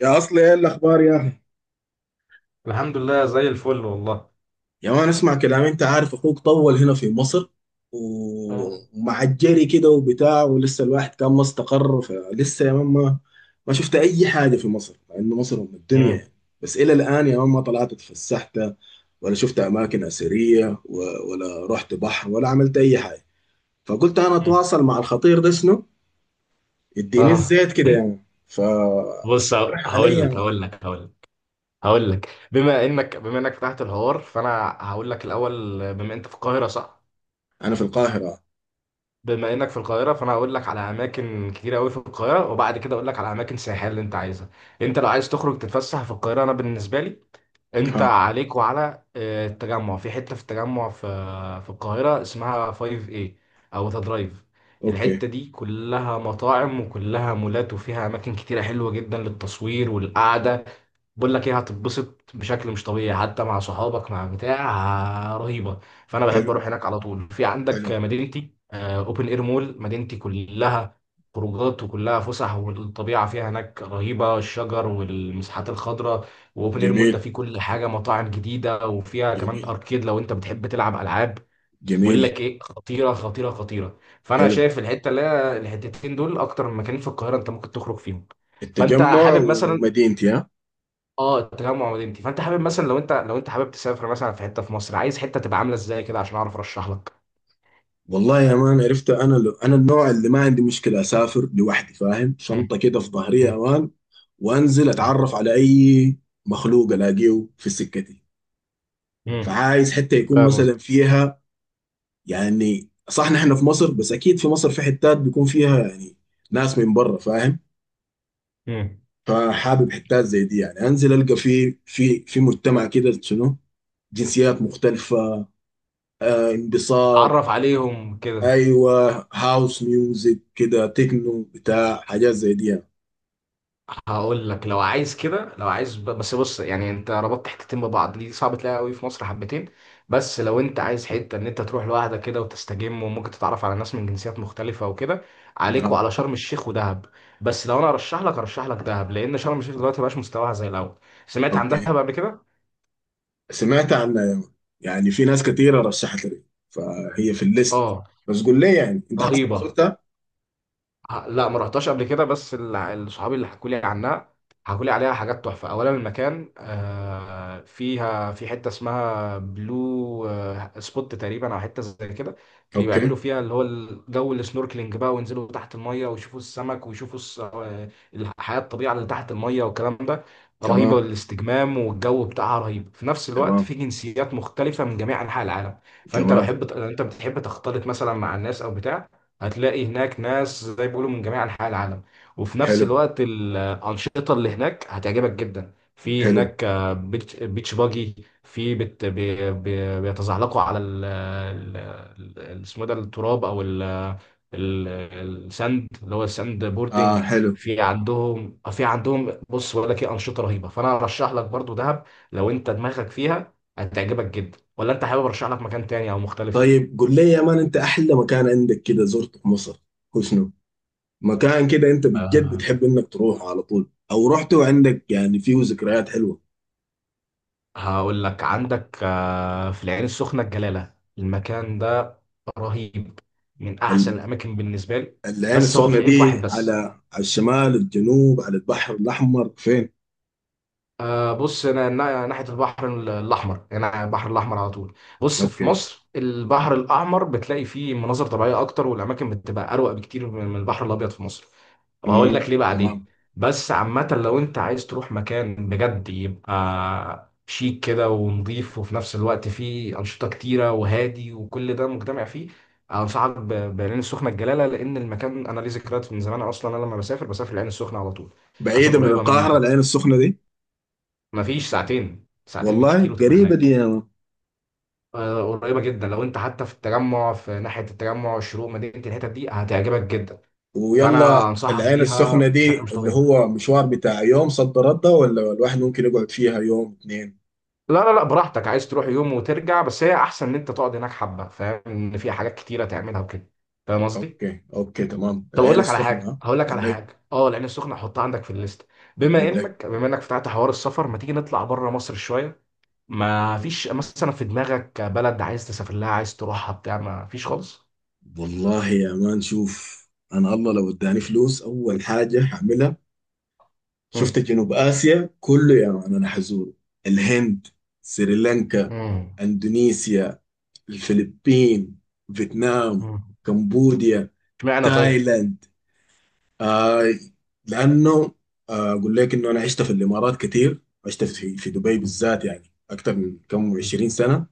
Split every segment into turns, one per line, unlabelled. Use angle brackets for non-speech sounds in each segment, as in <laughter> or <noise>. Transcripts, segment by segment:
يا اصلي ايه الاخبار يا اخي؟
الحمد لله زي الفل والله.
يا مان اسمع كلامي، انت عارف اخوك طول هنا في مصر،
اه.
ومع الجري كده وبتاع، ولسه الواحد كان ما استقر فلسه يا مان. ما شفت اي حاجه في مصر مع انه مصر ام الدنيا
مم.
يعني. بس الى الان يا مان ما طلعت اتفسحت ولا شفت اماكن اثريه، ولا رحت بحر ولا عملت اي حاجه. فقلت انا
مم.
اتواصل مع الخطير ده شنو، يديني
آه.
الزيت كده يعني. ف
بص،
راح علي
هقول
يا
لك
مان.
هقول لك هقول لك هقول لك بما انك فتحت الحوار فانا هقول لك الاول. بما انت في القاهره، صح؟
انا في القاهره.
بما انك في القاهره فانا هقول لك على اماكن كتير قوي في القاهره، وبعد كده اقول لك على اماكن سياحيه اللي انت عايزها. انت لو عايز تخرج تتفسح في القاهره، انا بالنسبه لي انت
ها.
عليك وعلى التجمع. في حته في التجمع في القاهره اسمها 5 اي او ذا درايف.
اوكي.
الحته دي كلها مطاعم وكلها مولات، وفيها اماكن كتيره حلوه جدا للتصوير والقعده. بقول لك ايه، هتتبسط بشكل مش طبيعي حتى مع صحابك مع بتاع. رهيبه. فانا بحب
حلو.
اروح هناك على طول. في عندك
حلو.
مدينتي، اوبن اير مول. مدينتي كلها خروجات وكلها فسح، والطبيعه فيها هناك رهيبه، الشجر والمساحات الخضراء. واوبن اير مول ده
جميل
فيه كل حاجه، مطاعم جديده، وفيها كمان
جميل
اركيد لو انت بتحب تلعب العاب. بقول
جميل.
لك ايه، خطيره خطيره خطيره. فانا
حلو.
شايف الحته اللي هي الحتتين دول اكتر من مكانين في القاهره انت ممكن تخرج فيهم. فانت
التجمع
حابب مثلا.
ومدينتي، ها.
اه، التجمع مدينتي. فانت حابب مثلا لو انت حابب تسافر مثلا في حته في مصر، عايز حته تبقى عامله ازاي كده عشان اعرف ارشح لك؟
والله يا مان، عرفت انا لو انا النوع اللي ما عندي مشكله، اسافر لوحدي فاهم،
مم.
شنطه كده في ظهري يا
مم.
مان، وانزل اتعرف على اي مخلوق الاقيه في سكتي.
مم.
فعايز حتى يكون
فاهم
مثلا
قصدي؟
فيها، يعني صح نحن في مصر بس اكيد في مصر في حتات بيكون فيها يعني ناس من بره فاهم.
مم.
فحابب حتات زي دي، يعني انزل القى في مجتمع كده شنو، جنسيات مختلفة. آه، انبساط.
اتعرف عليهم كده.
ايوه، هاوس ميوزك كده، تكنو بتاع، حاجات زي دي يعني.
هقول لك. لو عايز كده، لو عايز بس بص، يعني انت ربطت حتتين ببعض. دي صعب تلاقيها قوي في مصر حبتين. بس لو انت عايز حته ان انت تروح لوحدك كده وتستجم وممكن تتعرف على ناس من جنسيات مختلفه وكده، عليك
ها.
وعلى شرم الشيخ ودهب. بس لو انا ارشح لك دهب، لان شرم الشيخ دلوقتي مبقاش مستواها زي الاول. سمعت عن
اوكي.
دهب قبل كده؟
سمعت عنها يا مان. يعني في ناس كتيره رشحت لي، فهي في الليست.
اه،
بس قول لي يعني انت حاسس،
رهيبه.
زرتها؟
لا، ما رحتهاش قبل كده، بس الصحابي اللي حكوا لي عنها حكوا لي عليها حاجات تحفه. اولا المكان، فيها في حته اسمها بلو سبوت تقريبا، او حته زي كده.
اوكي.
بيعملوا فيها اللي هو الجو السنوركلينج بقى، وينزلوا تحت الميه ويشوفوا السمك ويشوفوا الحياه الطبيعه اللي تحت الميه والكلام ده. رهيبه
تمام.
الاستجمام والجو بتاعها رهيب. في نفس الوقت
تمام.
في جنسيات مختلفه من جميع انحاء العالم. فانت لو
تمام.
انت بتحب تختلط مثلا مع الناس او بتاع، هتلاقي هناك ناس زي ما بيقولوا من جميع انحاء العالم. وفي نفس
حلو.
الوقت الانشطه اللي هناك هتعجبك جدا. في
حلو
هناك بيتش بيتش باجي، في بت بي بي بيتزحلقوا على ال اسمه ده التراب او ال ال- الساند، اللي هو الساند
اه
بوردنج.
حلو.
في عندهم بص، بقول لك ايه، انشطه رهيبه. فانا ارشح لك برضو دهب. لو انت دماغك فيها هتعجبك جدا، ولا انت حابب ارشح لك مكان تاني او مختلف؟
طيب قول لي يا مان، انت احلى مكان عندك كده زرته في مصر هو شنو؟ مكان كده انت بجد بتحب انك تروح على طول، او رحت وعندك يعني فيه ذكريات حلوه.
هقول لك عندك في العين السخنة الجلالة. المكان ده رهيب، من أحسن الأماكن بالنسبة لي.
العين
بس هو
السخنة
في عيب واحد
دي على
بس.
على الشمال الجنوب، على البحر الأحمر فين؟
بص، ناحيه البحر الاحمر، يعني البحر الاحمر على طول. بص، في
أوكي.
مصر البحر الاحمر بتلاقي فيه مناظر طبيعيه اكتر، والاماكن بتبقى اروق بكتير من البحر الابيض في مصر. وهقول
مم.
لك ليه بعدين.
تمام.
بس عامه، لو انت عايز تروح مكان بجد يبقى شيك كده ونضيف وفي نفس الوقت فيه انشطه كتيره وهادي وكل ده مجتمع فيه، انصحك بالعين السخنه الجلاله. لان المكان انا ليه ذكريات من زمان، اصلا انا لما بسافر العين السخنه على طول. عشان
بعيدة من
قريبه مني.
القاهرة العين السخنة دي؟
مفيش ساعتين، ساعتين بالكتير،
والله
وتبقى
قريبة دي
هناك.
يا مان.
قريبة جدا. لو انت حتى في التجمع، في ناحية التجمع الشروق مدينة، الحتت دي هتعجبك جدا. فانا
ويلا
انصحك
العين
بيها
السخنة
بشكل
دي
مش
اللي
طبيعي.
هو مشوار بتاع يوم صد رد، ولا الواحد ممكن يقعد فيها يوم اتنين؟
لا لا لا، براحتك. عايز تروح يوم وترجع، بس هي احسن ان انت تقعد هناك حبة، فاهم؟ ان في حاجات كتيرة تعملها وكده. فاهم قصدي؟
أوكي أوكي تمام،
طب اقول
العين
لك على
السخنة،
حاجة
ها.
هقول لك
قول
على
لي
حاجة. اه، العين السخنة حطها عندك في الليست. بما
قول لي.
انك بما انك فتحت حوار السفر، ما تيجي نطلع بره مصر شوية؟ ما فيش مثلا في دماغك بلد عايز تسافر لها، عايز تروحها بتاع؟ ما فيش خالص؟
والله يا مان شوف، أنا الله لو اداني فلوس أول حاجة هعملها،
مم.
شفت جنوب آسيا كله يا مان، أنا حزوره. الهند، سريلانكا،
امم.
أندونيسيا، الفلبين، فيتنام،
امم.
كمبوديا،
اشمعنى طيب؟
تايلاند. آه. لأنه آه أقول لك إنه أنا عشت في الإمارات كتير، عشت في دبي بالذات يعني أكتر من كم
مم.
20 سنة.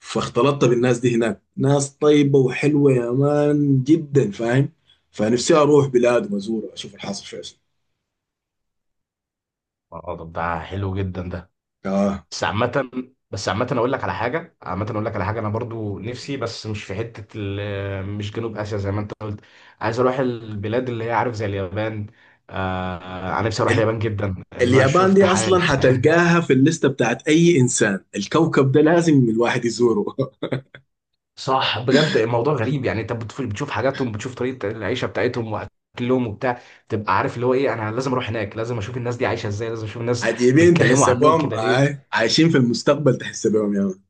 فاختلطت بالناس دي هناك، ناس طيبة وحلوة يا مان جدا فاهم. فنفسي أروح بلاد وأزور أشوف الحاصل فيها شنو.
اه، طب ده حلو جدا ده.
آه،
بس عامة بس عامة اقول لك على حاجة عامة اقول لك على حاجة، انا برضو نفسي، بس مش في حتة مش جنوب اسيا زي ما انت قلت. عايز اروح البلاد اللي هي عارف، زي اليابان. انا نفسي اروح اليابان جدا. ان انا
اليابان
شفت
دي اصلا
الحياة
حتلقاها
هناك.
في الليسته بتاعت اي انسان، الكوكب ده لازم الواحد يزوره.
صح، بجد الموضوع غريب. يعني انت بتشوف حاجاتهم، بتشوف طريقة العيشة بتاعتهم واكلهم وبتاع. تبقى عارف اللي هو ايه. انا لازم اروح هناك، لازم اشوف الناس دي عايشة ازاي، لازم اشوف
<laughs>
الناس
عجيبين
بيتكلموا
تحس
عنهم
بهم
كده ليه.
آه. عايشين في المستقبل تحس بهم يا مان.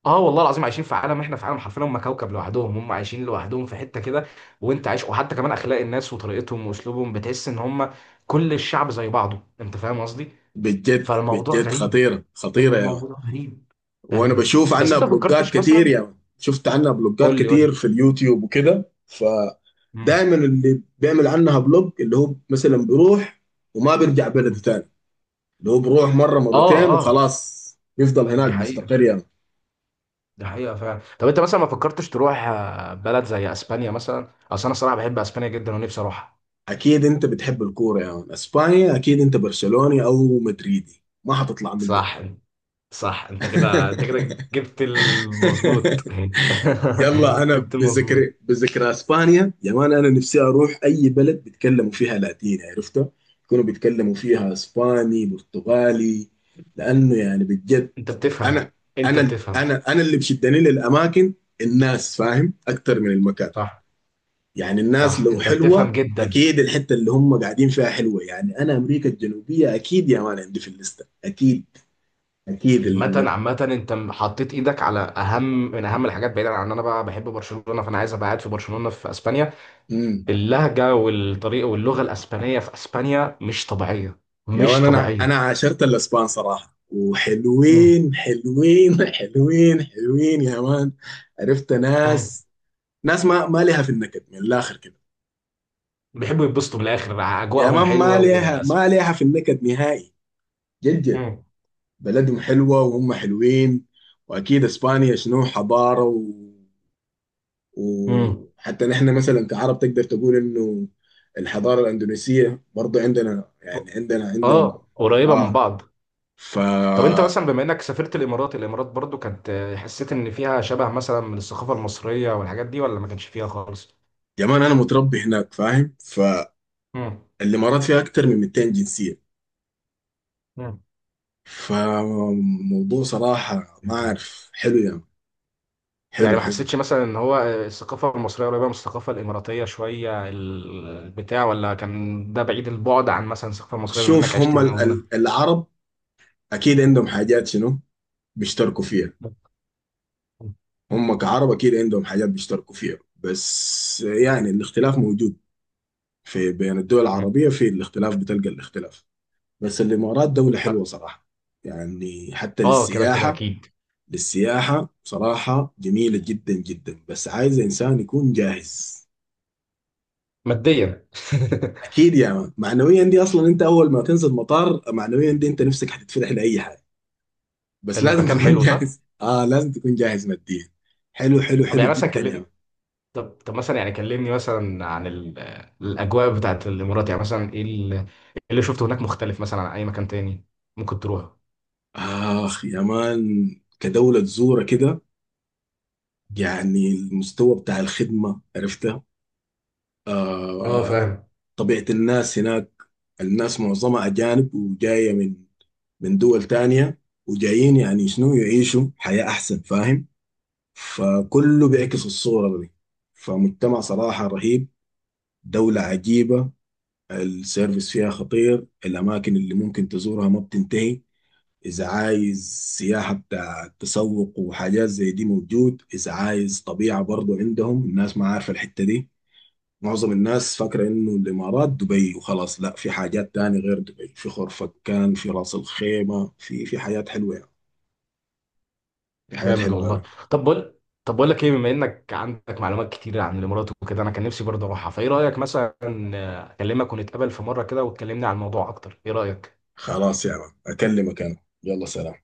اه، والله العظيم عايشين في عالم، احنا في عالم، حرفيا هم كوكب لوحدهم. هم عايشين لوحدهم في حته كده. وانت عايش، وحتى كمان اخلاق الناس وطريقتهم واسلوبهم، بتحس ان هم كل الشعب زي بعضه، انت فاهم قصدي؟
بجد
فالموضوع
بجد،
غريب.
خطيره خطيره يا مان.
الموضوع غريب
وانا
غريب.
بشوف
بس
عنها
انت ما
بلوجات
فكرتش
كتير
مثلا.
يا مان. شفت عنها بلوجات
قول لي قول
كتير
لي.
في اليوتيوب وكده.
مم.
فدايما اللي بيعمل عنها بلوج اللي هو مثلا بيروح وما بيرجع بلده
مم.
تاني، اللي هو بيروح مره
اه
مرتين
اه.
وخلاص، يفضل
دي
هناك
حقيقه،
مستقر يا مان.
دي حقيقه فعلا. طب انت مثلا ما فكرتش تروح بلد زي اسبانيا مثلا؟ اصل انا صراحه بحب اسبانيا جدا ونفسي اروحها.
اكيد انت بتحب الكوره يا يعني. اسبانيا، اكيد انت برشلوني او مدريدي ما حتطلع منه.
صح. صح انت كده، انت كده
<laughs>
جبت المظبوط. <laughs>
يلا، انا
جبت المظبوط.
بذكر اسبانيا يا مان، انا نفسي اروح اي بلد بيتكلموا فيها لاتيني عرفته، يكونوا بيتكلموا فيها اسباني برتغالي، لانه يعني بجد،
انت بتفهم،
انا
انت
انا
بتفهم.
انا انا اللي بشدني للاماكن الناس فاهم اكتر من المكان.
صح
يعني الناس
صح.
لو
انت بتفهم
حلوة،
جدا.
أكيد الحتة اللي هم قاعدين فيها حلوة. يعني أنا أمريكا الجنوبية أكيد يا مان عندي في الليستة أكيد. أكيد
عامة
الم...
عامة، انت حطيت ايدك على اهم من اهم الحاجات، بعيدا عن ان انا بقى بحب برشلونة فانا عايز ابقى قاعد في برشلونة في اسبانيا.
مم.
اللهجة والطريقة واللغة الاسبانية في اسبانيا مش طبيعية.
يا
مش
مان، أنا
طبيعية.
عاشرت الأسبان صراحة،
امم.
وحلوين حلوين <laughs> حلوين حلوين يا مان. عرفت
امم.
ناس، ناس ما ليها في النكد من الآخر كده
بيحبوا يتبسطوا من الاخر،
يا
اجواءهم
مان، ما
حلوه
ليها
والاسم.
ما ليها في النكد نهائي. جد جد.
امم.
بلدهم حلوة وهم حلوين، وأكيد إسبانيا شنو، حضارة.
امم.
وحتى نحن مثلا كعرب تقدر تقول انه الحضارة الأندونيسية برضو عندنا، يعني عندنا عندهم.
اه، قريبه من
اه.
بعض.
ف
طب انت مثلا، بما انك سافرت الامارات، الامارات برضو كانت، حسيت ان فيها شبه مثلا من الثقافه المصريه والحاجات دي، ولا ما كانش فيها خالص؟
يا مان انا متربي هناك فاهم.
مم.
فالامارات فيها اكتر من 200 جنسية،
مم.
فموضوع صراحة ما اعرف، حلو يعني.
يعني
حلو
ما
حلو.
حسيتش مثلا ان هو الثقافه المصريه قريبه من الثقافه الاماراتيه شويه البتاع، ولا كان ده بعيد البعد عن مثلا الثقافه المصريه بما انك
شوف،
عشت
هم
هنا وهنا؟
العرب اكيد عندهم حاجات شنو، بيشتركوا فيها. هم كعرب اكيد عندهم حاجات بيشتركوا فيها، بس يعني الاختلاف موجود. في بين الدول
مم.
العربية في الاختلاف، بتلقى الاختلاف. بس الإمارات دولة حلوة صراحة، يعني حتى
اه، كده كده
للسياحة.
اكيد.
للسياحة بصراحة جميلة جدا جدا، بس عايز إنسان يكون جاهز.
ماديا.
أكيد يا مان، معنويا دي أصلا أنت أول ما تنزل مطار معنويا دي أنت نفسك هتتفتح لأي حاجة.
<laughs>
بس لازم
المكان
تكون <laughs>
حلو، صح.
جاهز آه، لازم تكون جاهز ماديا. حلو حلو
طب
حلو
يعني مثلا
جدا يا مان.
كلمني. طب مثلا يعني كلمني مثلا عن الاجواء بتاعت الامارات. يعني مثلا ايه إيه اللي شفته هناك مختلف مثلا عن اي مكان تاني ممكن تروح؟
آخ يا مان، كدولة تزورها كده، يعني المستوى بتاع الخدمة عرفتها،
اه
آه،
فاهم.
طبيعة الناس هناك، الناس معظمها أجانب وجاية من من دول تانية، وجايين يعني شنو يعيشوا حياة أحسن فاهم، فكله
مم.
بيعكس الصورة دي. فمجتمع صراحة رهيب، دولة عجيبة، السيرفيس فيها خطير، الأماكن اللي ممكن تزورها ما بتنتهي. إذا عايز سياحة بتاع تسوق وحاجات زي دي موجود، إذا عايز طبيعة برضو عندهم، الناس ما عارفة الحتة دي. معظم الناس فاكرة إنه الإمارات دبي وخلاص، لا في حاجات تاني غير دبي، في خرفكان، في راس الخيمة، في حاجات حلوة يعني. في حاجات
جامد
حلوة
والله.
أوي.
طب بقول طب بقول لك ايه، بما انك عندك معلومات كتير عن الامارات وكده، انا كان نفسي برضه اروحها. فايه رايك مثلا، اكلمك ونتقابل في مره كده وتكلمني عن الموضوع اكتر، ايه رايك؟
خلاص يا عم، أكلمك أنا. يلا سلام.